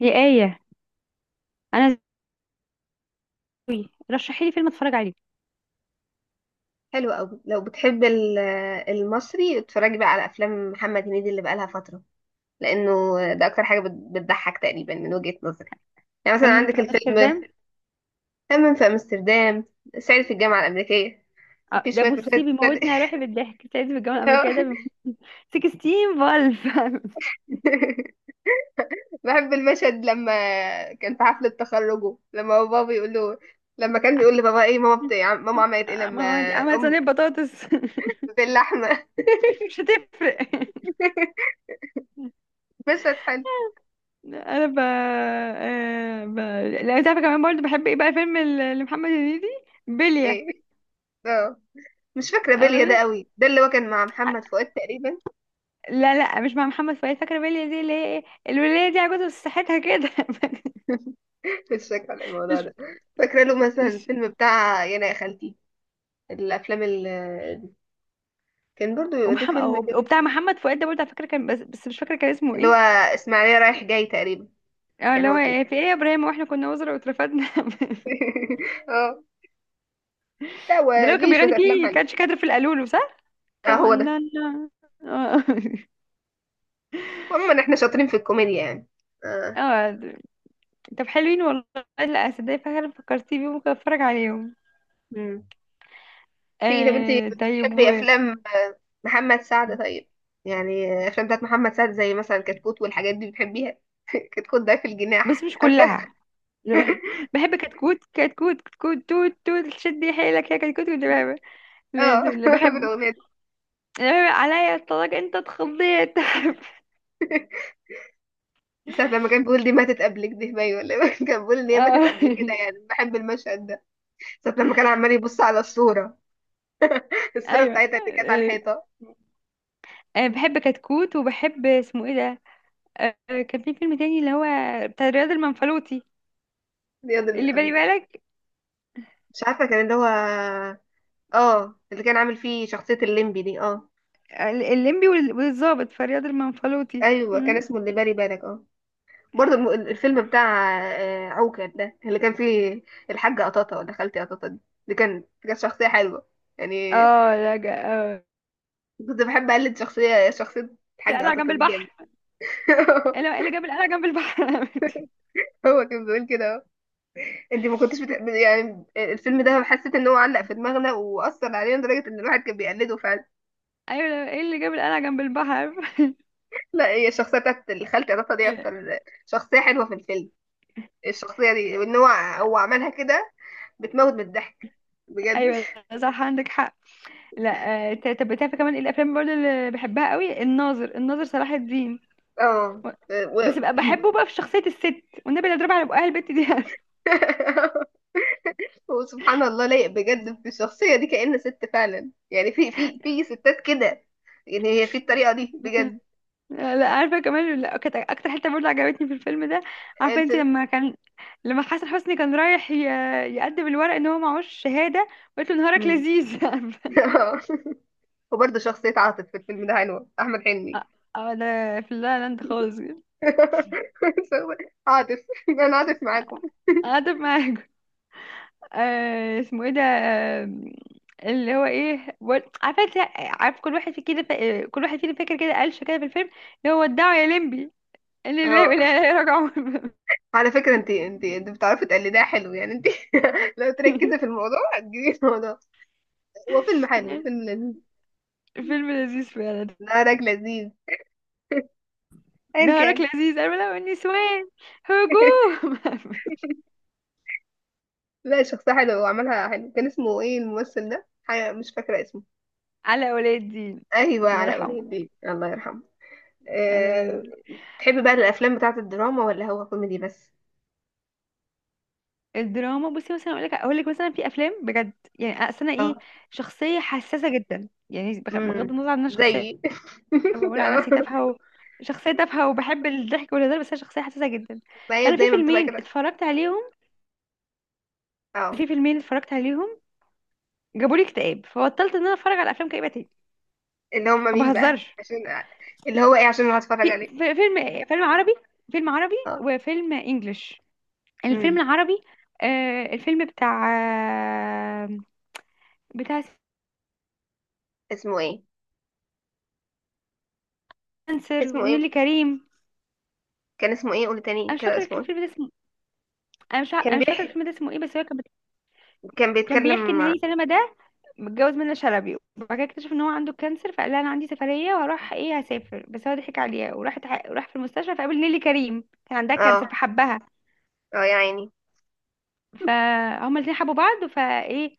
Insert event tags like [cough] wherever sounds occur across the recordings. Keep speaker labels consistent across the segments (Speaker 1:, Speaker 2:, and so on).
Speaker 1: يا آية، أنا زوي رشحي لي فيلم أتفرج عليه.
Speaker 2: حلو قوي لو بتحب المصري اتفرجي بقى على افلام محمد هنيدي اللي بقالها فتره لانه ده اكتر حاجه بتضحك تقريبا من وجهه نظري. يعني مثلا
Speaker 1: حمام
Speaker 2: عندك
Speaker 1: في
Speaker 2: الفيلم
Speaker 1: أمستردام.
Speaker 2: همام في امستردام، صعيدي في الجامعه الامريكيه. في
Speaker 1: ده
Speaker 2: شويه
Speaker 1: بصي
Speaker 2: مشاهد تستدعي
Speaker 1: بيموتني على روحي بالضحك. سعيد في الجامعة الأمريكية ده بيموت. 16 فالف [laughs]
Speaker 2: [laughs] بحب المشهد لما كان في حفله تخرجه، لما هو بابا بيقول له، لما كان بيقول لبابا ايه، ماما ماما عملت ايه لما
Speaker 1: عملت
Speaker 2: ام
Speaker 1: صينية بطاطس [laughs]
Speaker 2: باللحمه.
Speaker 1: مش هتفرق.
Speaker 2: [laughs] مشهد حلو.
Speaker 1: أنا ب... آه، ب... لا أنت عارفة، كمان برضه بحب إيه بقى فيلم لمحمد هنيدي؟ بلية.
Speaker 2: ايه، اه، مش فاكرة بيليا ده
Speaker 1: أنا-
Speaker 2: قوي، ده اللي هو كان مع محمد فؤاد تقريبا.
Speaker 1: لا مش مع محمد فؤاد، فاكرة بلية دي اللي هي إيه؟ الولية دي عجوزة بس صحتها كده. [laughs]
Speaker 2: [laughs] مش فاكرة الموضوع
Speaker 1: مش
Speaker 2: ده. فاكرة له مثلا
Speaker 1: مش
Speaker 2: الفيلم بتاع يانا يا خالتي، الأفلام اللي كان برضو دي
Speaker 1: ومحمد،
Speaker 2: فيلم كده
Speaker 1: وبتاع محمد فؤاد ده برضه على فكره كان بس مش فاكره كان اسمه
Speaker 2: اللي هو
Speaker 1: ايه.
Speaker 2: إسماعيلية رايح جاي تقريبا.
Speaker 1: اه،
Speaker 2: كان
Speaker 1: اللي هو
Speaker 2: هو فيه
Speaker 1: إيه، في ايه يا ابراهيم واحنا كنا وزراء واترفدنا.
Speaker 2: [laughs] اه، لا هو
Speaker 1: [laughs] ده لو كان
Speaker 2: ليه شوية
Speaker 1: بيغني
Speaker 2: أفلام
Speaker 1: فيه
Speaker 2: حلوة.
Speaker 1: كانش كادر في القالولو، صح؟
Speaker 2: اه هو
Speaker 1: كمان
Speaker 2: ده.
Speaker 1: اه.
Speaker 2: عموما احنا شاطرين في الكوميديا يعني.
Speaker 1: [laughs]
Speaker 2: اه.
Speaker 1: اه، طب حلوين والله. لا صدق، فعلا فكرتي بيهم، ممكن اتفرج عليهم.
Speaker 2: مم. في، طب انت
Speaker 1: طيب
Speaker 2: بتحبي أفلام، محمد سعد؟ طيب يعني، أفلام بتاعت محمد سعد زي مثلا كتكوت والحاجات دي، بتحبيها؟ [laughs] كتكوت ده في
Speaker 1: بس
Speaker 2: الجناح
Speaker 1: مش
Speaker 2: [laughs] عارفة.
Speaker 1: كلها. [laughs] بحب كتكوت كتكوت كتكوت توت توت شدي حيلك يا كتكوت، كنت بحبه. لازم
Speaker 2: اه
Speaker 1: اللي
Speaker 2: [laughs]
Speaker 1: بحبه،
Speaker 2: بالاغنيه دي
Speaker 1: اللي بحب عليا الطلاق انت اتخضيت.
Speaker 2: ساعة لما كان بيقول دي ماتت قبلك دي باي ولا إيه؟ [laughs] كان بيقول ان
Speaker 1: [laughs]
Speaker 2: هي ماتت قبل كده،
Speaker 1: اه،
Speaker 2: يعني بحب المشهد ده ساعة لما كان عمال يبص على الصوره [laughs] الصوره
Speaker 1: ايوه.
Speaker 2: بتاعتها اللي كانت على الحيطه.
Speaker 1: انا بحب كتكوت، وبحب اسمه ايه ده، كان في فيلم تاني اللي هو بتاع رياض المنفلوطي،
Speaker 2: دي
Speaker 1: اللي بالي
Speaker 2: أظن-
Speaker 1: بالك.
Speaker 2: مش عارفه كان اللي هو، اه اللي كان عامل فيه شخصيه الليمبي دي، اه
Speaker 1: الليمبي والظابط في رياض المنفلوطي.
Speaker 2: ايوه، كان
Speaker 1: مم.
Speaker 2: اسمه اللي بالي بالك. اه برضه الفيلم بتاع عوكل، ده اللي كان فيه الحاجه قطاطه ولا خالتي قطاطه دي، اللي كان كانت شخصيه حلوه يعني.
Speaker 1: اه لا جا... آه.
Speaker 2: كنت بحب اقلد شخصيه الحاجه
Speaker 1: القلعة جنب
Speaker 2: قطاطه دي، جامد.
Speaker 1: البحر.
Speaker 2: [laughs]
Speaker 1: ايه اللي إيه اللي جاب القلعة جنب البحر؟ [laughs]
Speaker 2: هو كان بيقول كده اهو. انت ما كنتش بتحب يعني الفيلم ده؟ حسيت ان هو علق في دماغنا واثر علينا لدرجه ان الواحد كان بيقلده فعلا.
Speaker 1: ايوه لا، ايه اللي جاب القلعة جنب البحر؟
Speaker 2: لا هي الشخصيه بتاعت الخالتة عطا دي
Speaker 1: [laughs]
Speaker 2: اكتر شخصيه حلوه في الفيلم، الشخصيه دي وان هو عملها كده بتموت من الضحك بجد.
Speaker 1: ايوه لا، صح عندك حق. لا، طب بتعرف كمان إيه الافلام برضه اللي بحبها قوي؟ الناظر صلاح الدين
Speaker 2: اه.
Speaker 1: و-
Speaker 2: و...
Speaker 1: بس
Speaker 2: [laughs]
Speaker 1: بقى بحبه بقى في شخصية الست، والنبي اللي اضربها على بقها البت دي.
Speaker 2: وسبحان الله لايق
Speaker 1: [laughs]
Speaker 2: بجد في الشخصيه دي، كأن ست فعلا. يعني في في ستات كده، يعني هي في الطريقه دي
Speaker 1: مثلا.
Speaker 2: بجد.
Speaker 1: لا عارفه كمان، لا، كانت اكتر حته برضه عجبتني في الفيلم ده، عارفه انت
Speaker 2: الفيلم.
Speaker 1: لما كان، لما حسن حسني كان رايح يقدم الورق ان هو معهوش شهاده، وقلت له
Speaker 2: [laughs]
Speaker 1: نهارك
Speaker 2: مم.
Speaker 1: لذيذ. [laughs]
Speaker 2: وبرضه شخصيه عاطف في الفيلم ده حلوه، احمد حلمي.
Speaker 1: اه، ده في اللا لاند خالص.
Speaker 2: [laughs] عاطف، انا عاطف معاكم.
Speaker 1: قاعدة معاك. اسمه ايه ده؟ اللي هو ايه عارفه انت، عارف كل واحد في كده كل واحد فينا فاكر كده قالش كده في الفيلم، اللي هو ودعوا يا لمبي، اللي اللي
Speaker 2: اه.
Speaker 1: اللي رجعوا. [laughs]
Speaker 2: على فكره، انت بتعرفي تقلديها حلو يعني انت. [laughs] لو تركزي في الموضوع هتجيبي الموضوع. هو فيلم حلو، هو فيلم لذيذ.
Speaker 1: فيلم لذيذ فعلا.
Speaker 2: نهارك لذيذ، ايا
Speaker 1: نهارك
Speaker 2: كان.
Speaker 1: لذيذ، أرملة والنسوان
Speaker 2: [laughs]
Speaker 1: هجوم. [laughs]
Speaker 2: لا شخصيه حلوه وعملها حلو، كان اسمه ايه الممثل ده؟ حاجة مش فاكره اسمه.
Speaker 1: على ولي الدين
Speaker 2: ايوه،
Speaker 1: الله
Speaker 2: علاء ولي
Speaker 1: يرحمه.
Speaker 2: الدين، الله يرحمه.
Speaker 1: على ولي
Speaker 2: أه...
Speaker 1: الدين.
Speaker 2: تحبي بقى الافلام بتاعه الدراما ولا هو كوميدي بس؟
Speaker 1: الدراما بصي، مثلا اقول لك مثلا، في افلام بجد، يعني اصل انا ايه،
Speaker 2: اه.
Speaker 1: شخصيه حساسه جدا، يعني بغض
Speaker 2: امم،
Speaker 1: النظر عن ان انا شخصيه،
Speaker 2: زيي [laughs]
Speaker 1: بقول على
Speaker 2: آه.
Speaker 1: نفسي تافهه شخصيه تافهه وبحب الضحك والهزار، بس انا شخصيه حساسه جدا.
Speaker 2: ما هي
Speaker 1: فانا في
Speaker 2: دايما بتبقى
Speaker 1: فيلمين
Speaker 2: كده.
Speaker 1: اتفرجت عليهم،
Speaker 2: اه.
Speaker 1: في فيلمين اتفرجت عليهم جابوا لي اكتئاب، فبطلت ان انا اتفرج على افلام كئيبه تاني،
Speaker 2: اللي هم
Speaker 1: ما
Speaker 2: مين بقى
Speaker 1: بهزرش.
Speaker 2: عشان، اللي هو ايه عشان انا هتفرج عليه؟
Speaker 1: فيلم عربي، فيلم عربي
Speaker 2: اه.
Speaker 1: وفيلم انجلش. الفيلم
Speaker 2: امم.
Speaker 1: العربي، آه، الفيلم بتاع، آه، بتاع
Speaker 2: اسمه ايه؟
Speaker 1: سمسر
Speaker 2: اسمه ايه؟
Speaker 1: ونيلي كريم.
Speaker 2: كان اسمه ايه؟ قول
Speaker 1: انا
Speaker 2: تاني
Speaker 1: مش
Speaker 2: كده،
Speaker 1: فاكره
Speaker 2: اسمه ايه؟
Speaker 1: الفيلم ده اسمه،
Speaker 2: كان
Speaker 1: انا مش فاكره
Speaker 2: بيح
Speaker 1: الفيلم ده اسمه ايه، بس هو
Speaker 2: كان
Speaker 1: كان بيحكي
Speaker 2: بيتكلم،
Speaker 1: ان
Speaker 2: اه.
Speaker 1: هاني سلامه ده متجوز منة شلبي، وبعد كده اكتشف ان هو عنده كانسر، فقال لها انا عندي سفريه وهروح ايه هسافر، بس هو ضحك عليها وراح. راح في المستشفى فقابل نيلي كريم كان عندها كانسر فحبها،
Speaker 2: اه يا عيني.
Speaker 1: فهما الاثنين حبوا بعض فايه.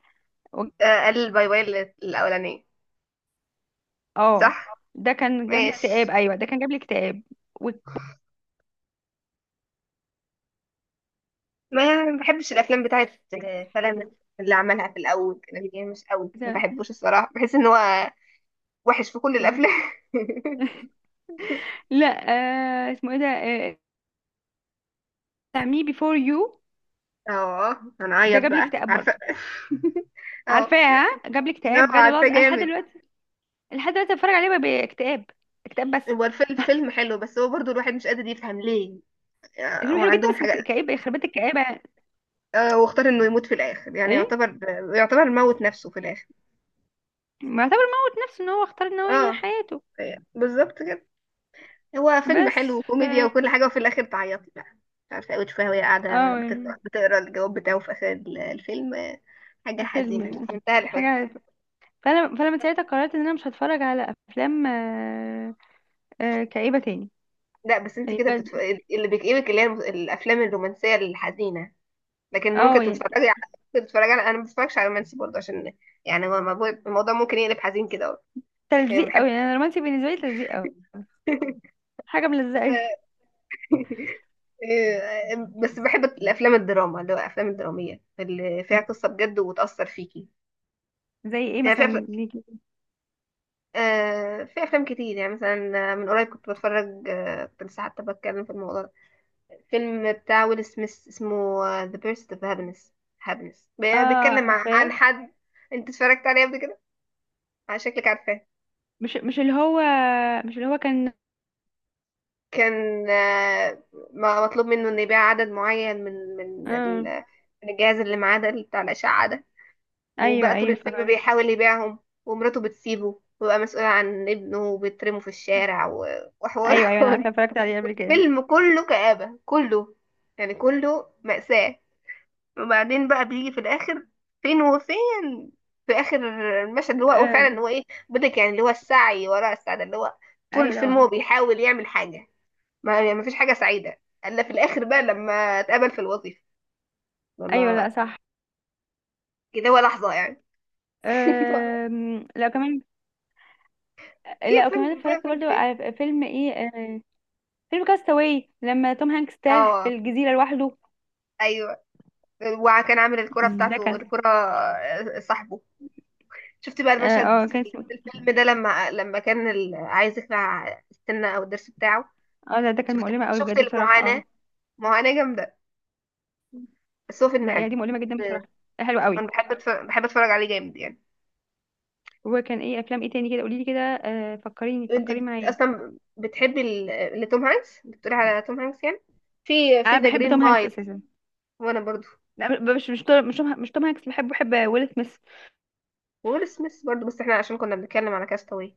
Speaker 1: و-
Speaker 2: قال باي باي الاولانيه.
Speaker 1: اه،
Speaker 2: صح.
Speaker 1: ده كان جاب لي اكتئاب،
Speaker 2: ماشي.
Speaker 1: ايوه ده كان جاب لي اكتئاب. و...
Speaker 2: ما بحبش الافلام بتاعت فلان، اللي عملها في الاول كده يعني مش قوي، ما
Speaker 1: ده-
Speaker 2: بحبوش الصراحه، بحس ان هو وحش في كل
Speaker 1: ده-
Speaker 2: الافلام. [laughs]
Speaker 1: لا، اسمه ايه ده، آه، مي بيفور يو.
Speaker 2: اه،
Speaker 1: ده
Speaker 2: هنعيط
Speaker 1: جاب لي
Speaker 2: بقى
Speaker 1: اكتئاب برضه،
Speaker 2: عارفه. [laughs] اه.
Speaker 1: عارفاها جاب لي اكتئاب
Speaker 2: لا
Speaker 1: بجد والله
Speaker 2: عارفه
Speaker 1: العظيم. انا لحد
Speaker 2: جامد،
Speaker 1: دلوقتي، لحد دلوقتي بتفرج عليه باكتئاب، اكتئاب بس.
Speaker 2: هو الفيلم فيلم حلو، بس هو برضو الواحد مش قادر يفهم ليه، هو
Speaker 1: الفيلم حلو جدا
Speaker 2: عندهم
Speaker 1: بس
Speaker 2: حاجة.
Speaker 1: كئيب يخرب بيت الكآبة.
Speaker 2: واختار انه يموت في الاخر، يعني
Speaker 1: ايه،
Speaker 2: يعتبر، يعتبر موت نفسه في الاخر.
Speaker 1: معتبر موت نفسه، ان هو اختار ان هو ينهي
Speaker 2: اه
Speaker 1: حياته.
Speaker 2: يعني بالظبط كده. هو فيلم حلو
Speaker 1: بس ف
Speaker 2: وكوميديا وكل حاجة، وفي الاخر تعيطي بقى. مش عارفة اوي تشوفها وهي قاعدة
Speaker 1: اه يعني.
Speaker 2: بتقرا بتقرا الجواب بتاعه في اخر الفيلم، حاجة حزينة
Speaker 1: فيلم.
Speaker 2: في منتهى الحزن.
Speaker 1: حاجة. فانا، فانا من ساعتها قررت ان انا مش هتفرج على افلام كئيبة تاني،
Speaker 2: لا بس انت
Speaker 1: يعني
Speaker 2: كده بتتف...
Speaker 1: بجد.
Speaker 2: اللي بيكئبك اللي هي الافلام الرومانسية الحزينة، لكن ممكن
Speaker 1: اه يعني،
Speaker 2: تتفرجي على، ممكن تتفرجي على، انا ما بتفرجش على رومانسي برضه عشان، يعني هو الموضوع ممكن يقلب حزين كده، يعني
Speaker 1: تلزيق
Speaker 2: بحب
Speaker 1: قوي، يعني أنا الرومانسي بالنسبة لي تلزيق قوي،
Speaker 2: [laughs]
Speaker 1: حاجة ملزقة.
Speaker 2: بس بحب الافلام الدراما، اللي هو الافلام الدراميه اللي فيها قصه بجد وتاثر فيكي.
Speaker 1: زي ايه
Speaker 2: يعني في أف...
Speaker 1: مثلا ليكي؟
Speaker 2: في افلام كتير يعني، مثلا من قريب كنت بتفرج، كنت لسه حتى بتكلم في الموضوع ده، فيلم بتاع ويل سميث اسمه ذا بيرست اوف هابينس. هابينس
Speaker 1: اه،
Speaker 2: بيتكلم عن
Speaker 1: عارفاه.
Speaker 2: حد، انت اتفرجت عليه قبل كده؟ على شكلك عارفاه.
Speaker 1: مش اللي هو، مش اللي هو كان،
Speaker 2: كان مطلوب منه انه يبيع عدد معين من
Speaker 1: اه
Speaker 2: من الجهاز اللي معاه ده، اللي بتاع الاشعه ده.
Speaker 1: ايوه
Speaker 2: وبقى طول
Speaker 1: ايوه
Speaker 2: الفيلم
Speaker 1: فكرت.
Speaker 2: بيحاول يبيعهم، ومراته بتسيبه وبقى مسؤول عن ابنه وبيترمه في الشارع وحوارات.
Speaker 1: ايوه ايوه انا عارفه، اتفرجت عليه قبل
Speaker 2: [laughs]
Speaker 1: كده.
Speaker 2: فيلم كله كآبة، كله يعني كله مأساة. وبعدين بقى بيجي في الآخر، فين وفين، في آخر المشهد اللي هو هو
Speaker 1: آه.
Speaker 2: فعلا، هو إيه، بدك يعني اللي هو السعي وراء السعادة، اللي هو طول
Speaker 1: ايوه
Speaker 2: الفيلم هو
Speaker 1: طبعا.
Speaker 2: بيحاول يعمل حاجة، ما يعني ما فيش حاجة سعيدة إلا في الآخر بقى لما اتقبل في الوظيفة،
Speaker 1: ايوه لا
Speaker 2: لما
Speaker 1: صح.
Speaker 2: كده، هو لحظة يعني. [laughs]
Speaker 1: لا كمان،
Speaker 2: في
Speaker 1: لا وكمان
Speaker 2: أفلام في
Speaker 1: اتفرجت
Speaker 2: أفلام
Speaker 1: برضو
Speaker 2: كتير.
Speaker 1: على فيلم ايه. آه. فيلم كاستاوي لما توم هانكس تاه في
Speaker 2: اه.
Speaker 1: الجزيره لوحده.
Speaker 2: ايوه. وكان عامل الكرة
Speaker 1: ده
Speaker 2: بتاعته،
Speaker 1: كان
Speaker 2: الكرة صاحبه. شفت بقى
Speaker 1: اه،
Speaker 2: المشهد في
Speaker 1: كان اسمه،
Speaker 2: الفيلم ده، لما كان عايز يخلع السنة او الضرس بتاعه؟
Speaker 1: اه لا ده كان
Speaker 2: شفت
Speaker 1: مؤلمه قوي
Speaker 2: شفت
Speaker 1: بجد بصراحه،
Speaker 2: المعاناة،
Speaker 1: اه
Speaker 2: معاناة جامدة، بس هو فيلم
Speaker 1: لا
Speaker 2: حلو.
Speaker 1: يعني دي مؤلمه جدا
Speaker 2: آه،
Speaker 1: بصراحه، حلوه قوي.
Speaker 2: انا بحب أتفرج، بحب اتفرج عليه جامد يعني.
Speaker 1: وكان ايه افلام ايه تاني كده، قولي لي كده آه، فكريني فكري معايا.
Speaker 2: اصلا بتحبي لتوم هانكس، بتقولي على توم هانكس يعني. في
Speaker 1: انا
Speaker 2: ذا
Speaker 1: بحب
Speaker 2: جرين
Speaker 1: توم هانكس
Speaker 2: مايل.
Speaker 1: اساسا.
Speaker 2: وانا برضو.
Speaker 1: لا مش توم هانكس بحبه، بحب ويل سميث.
Speaker 2: وويل سميث برضو، بس احنا عشان كنا بنتكلم على كاستاوي.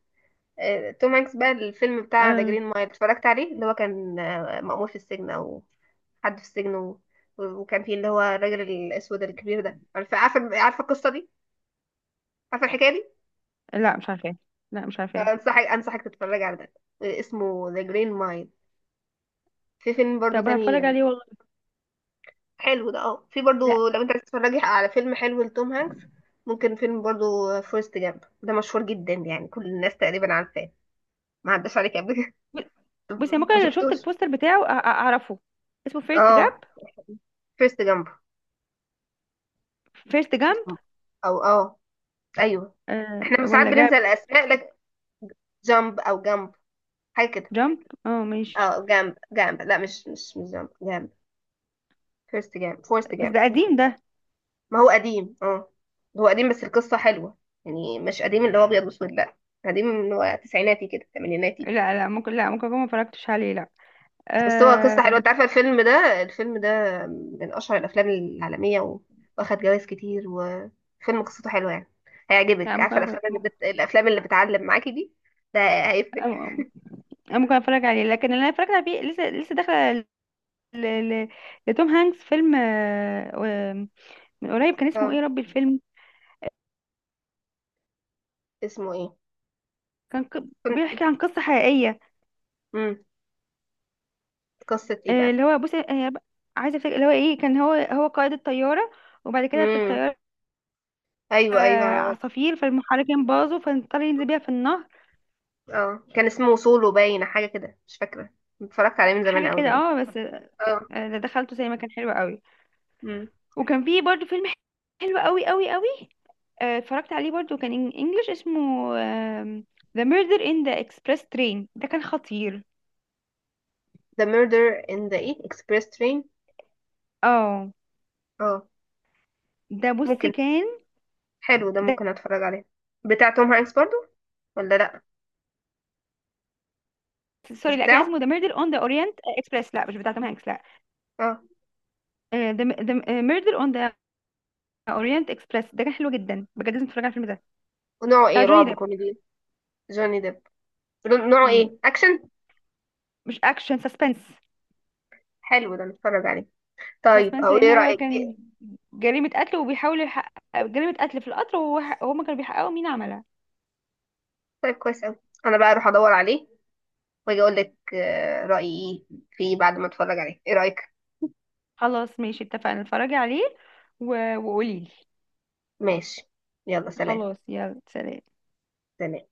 Speaker 2: توم هانكس بقى الفيلم بتاع ذا
Speaker 1: آه.
Speaker 2: جرين مايل اتفرجت عليه، اللي هو كان مأمور في السجن او حد في السجن. و... وكان فيه اللي هو الراجل الاسود الكبير ده، عارفه؟ عارفه عارفه القصه دي؟ عارفه الحكايه دي؟
Speaker 1: لا مش عارفاه، لا مش عارفاه.
Speaker 2: انصحك، انصحك تتفرج على ده، اسمه ذا جرين مايل. في فيلم برضو
Speaker 1: طب
Speaker 2: تاني
Speaker 1: هتفرج عليه والله.
Speaker 2: حلو ده، اه. في
Speaker 1: لا
Speaker 2: برضو لو انت عايز تتفرجي على فيلم حلو لتوم هانكس، ممكن فيلم برضو فورست جامب، ده مشهور جدا يعني كل الناس تقريبا عارفاه، ما عداش عليك قبل كده. [laughs]
Speaker 1: بصي،
Speaker 2: ما
Speaker 1: ممكن لو شفت
Speaker 2: شفتوش.
Speaker 1: البوستر بتاعه اعرفه. اسمه فيرست
Speaker 2: اه
Speaker 1: جاب،
Speaker 2: فورست جامب.
Speaker 1: فيرست جامب.
Speaker 2: او اه. ايوه. احنا
Speaker 1: آه.
Speaker 2: ساعات
Speaker 1: ولا
Speaker 2: بننسى
Speaker 1: جاب،
Speaker 2: الاسماء لك. جامب او جامب، حاجه كده.
Speaker 1: جامب اه ماشي.
Speaker 2: اه جامب، لا مش جامب جامب، فيرست جامب، فورست
Speaker 1: بس
Speaker 2: جامب.
Speaker 1: ده قديم ده.
Speaker 2: ما هو قديم، اه هو قديم بس القصه حلوه، يعني مش قديم اللي هو ابيض واسود لا، قديم اللي هو تسعيناتي كده، ثمانيناتي.
Speaker 1: لا ممكن، لا ممكن اكون ما اتفرجتش عليه، لا.
Speaker 2: بس هو قصه
Speaker 1: آه.
Speaker 2: حلوه، انت عارفه الفيلم ده، الفيلم ده من اشهر الافلام العالميه واخد جوائز كتير، وفيلم قصته حلوه يعني،
Speaker 1: لا
Speaker 2: هيعجبك. عارفه
Speaker 1: ممكن
Speaker 2: الافلام
Speaker 1: ممكن،
Speaker 2: الافلام اللي بتعلم معاكي دي؟ ده هيفرق.
Speaker 1: أه، ممكن اتفرج عليه، لكن اللي انا اتفرجت عليه لسه لسه داخله، ل- ل- لتوم هانكس، فيلم من قريب كان اسمه
Speaker 2: اه.
Speaker 1: ايه يا ربي الفيلم.
Speaker 2: اسمه ايه؟ كن-
Speaker 1: بيحكي عن قصة حقيقية.
Speaker 2: مم. قصة ايه بقى؟
Speaker 1: اللي هو بصي، عايزة افتكر اللي هو ايه، كان هو قائد الطيارة، وبعد كده في
Speaker 2: امم.
Speaker 1: الطيارة،
Speaker 2: ايوه، ايوه.
Speaker 1: عصافير فالمحركين باظوا، فاضطر ينزل بيها في النهر.
Speaker 2: اه كان اسمه سولو باين، حاجة كده مش فاكرة، اتفرجت عليه من زمان
Speaker 1: حاجة
Speaker 2: قوي
Speaker 1: كده
Speaker 2: باين.
Speaker 1: اه، بس
Speaker 2: اه.
Speaker 1: ده دخلته زي ما كان حلو قوي.
Speaker 2: امم.
Speaker 1: وكان فيه برضو فيلم حلو قوي، اتفرجت عليه برضو، كان انجلش، اسمه آم، The Murder in the Express Train، ده كان خطير.
Speaker 2: The Murder in the ايه Express Train؟
Speaker 1: اه
Speaker 2: اه.
Speaker 1: ده بصي
Speaker 2: ممكن،
Speaker 1: كان،
Speaker 2: حلو ده
Speaker 1: ده
Speaker 2: ممكن اتفرج عليه. بتاع توم هانكس برضو ولا لا؟
Speaker 1: سوري
Speaker 2: مش
Speaker 1: لا، كان
Speaker 2: بتاعه،
Speaker 1: اسمه ذا ميردر اون ذا اورينت اكسبريس، لا مش بتاع توم هانكس لا.
Speaker 2: اه.
Speaker 1: ذا ميردر اون ذا اورينت اكسبريس، ده كان حلو جدا بجد، لازم تتفرج على الفيلم ده،
Speaker 2: ونوعه
Speaker 1: بتاع
Speaker 2: ايه،
Speaker 1: جوني
Speaker 2: رعب،
Speaker 1: ديب.
Speaker 2: كوميدي؟ جوني ديب. نوعه
Speaker 1: مم.
Speaker 2: ايه، اكشن؟
Speaker 1: مش اكشن، سسبنس.
Speaker 2: حلو ده، نتفرج عليه طيب.
Speaker 1: سسبنس
Speaker 2: او
Speaker 1: لان
Speaker 2: ايه
Speaker 1: هو
Speaker 2: رأيك إيه؟
Speaker 1: كان جريمة قتل، وبيحاول يحقق جريمة قتل في القطر، وهما كانوا بيحققوا مين عملها.
Speaker 2: طيب كويس قوي، انا بقى اروح ادور عليه واجي اقول لك رأيي ايه فيه بعد ما اتفرج عليه. ايه رأيك؟
Speaker 1: خلاص ماشي اتفقنا، اتفرجي عليه وقولي لي.
Speaker 2: ماشي. يلا سلام.
Speaker 1: خلاص يلا سلام.
Speaker 2: سلام.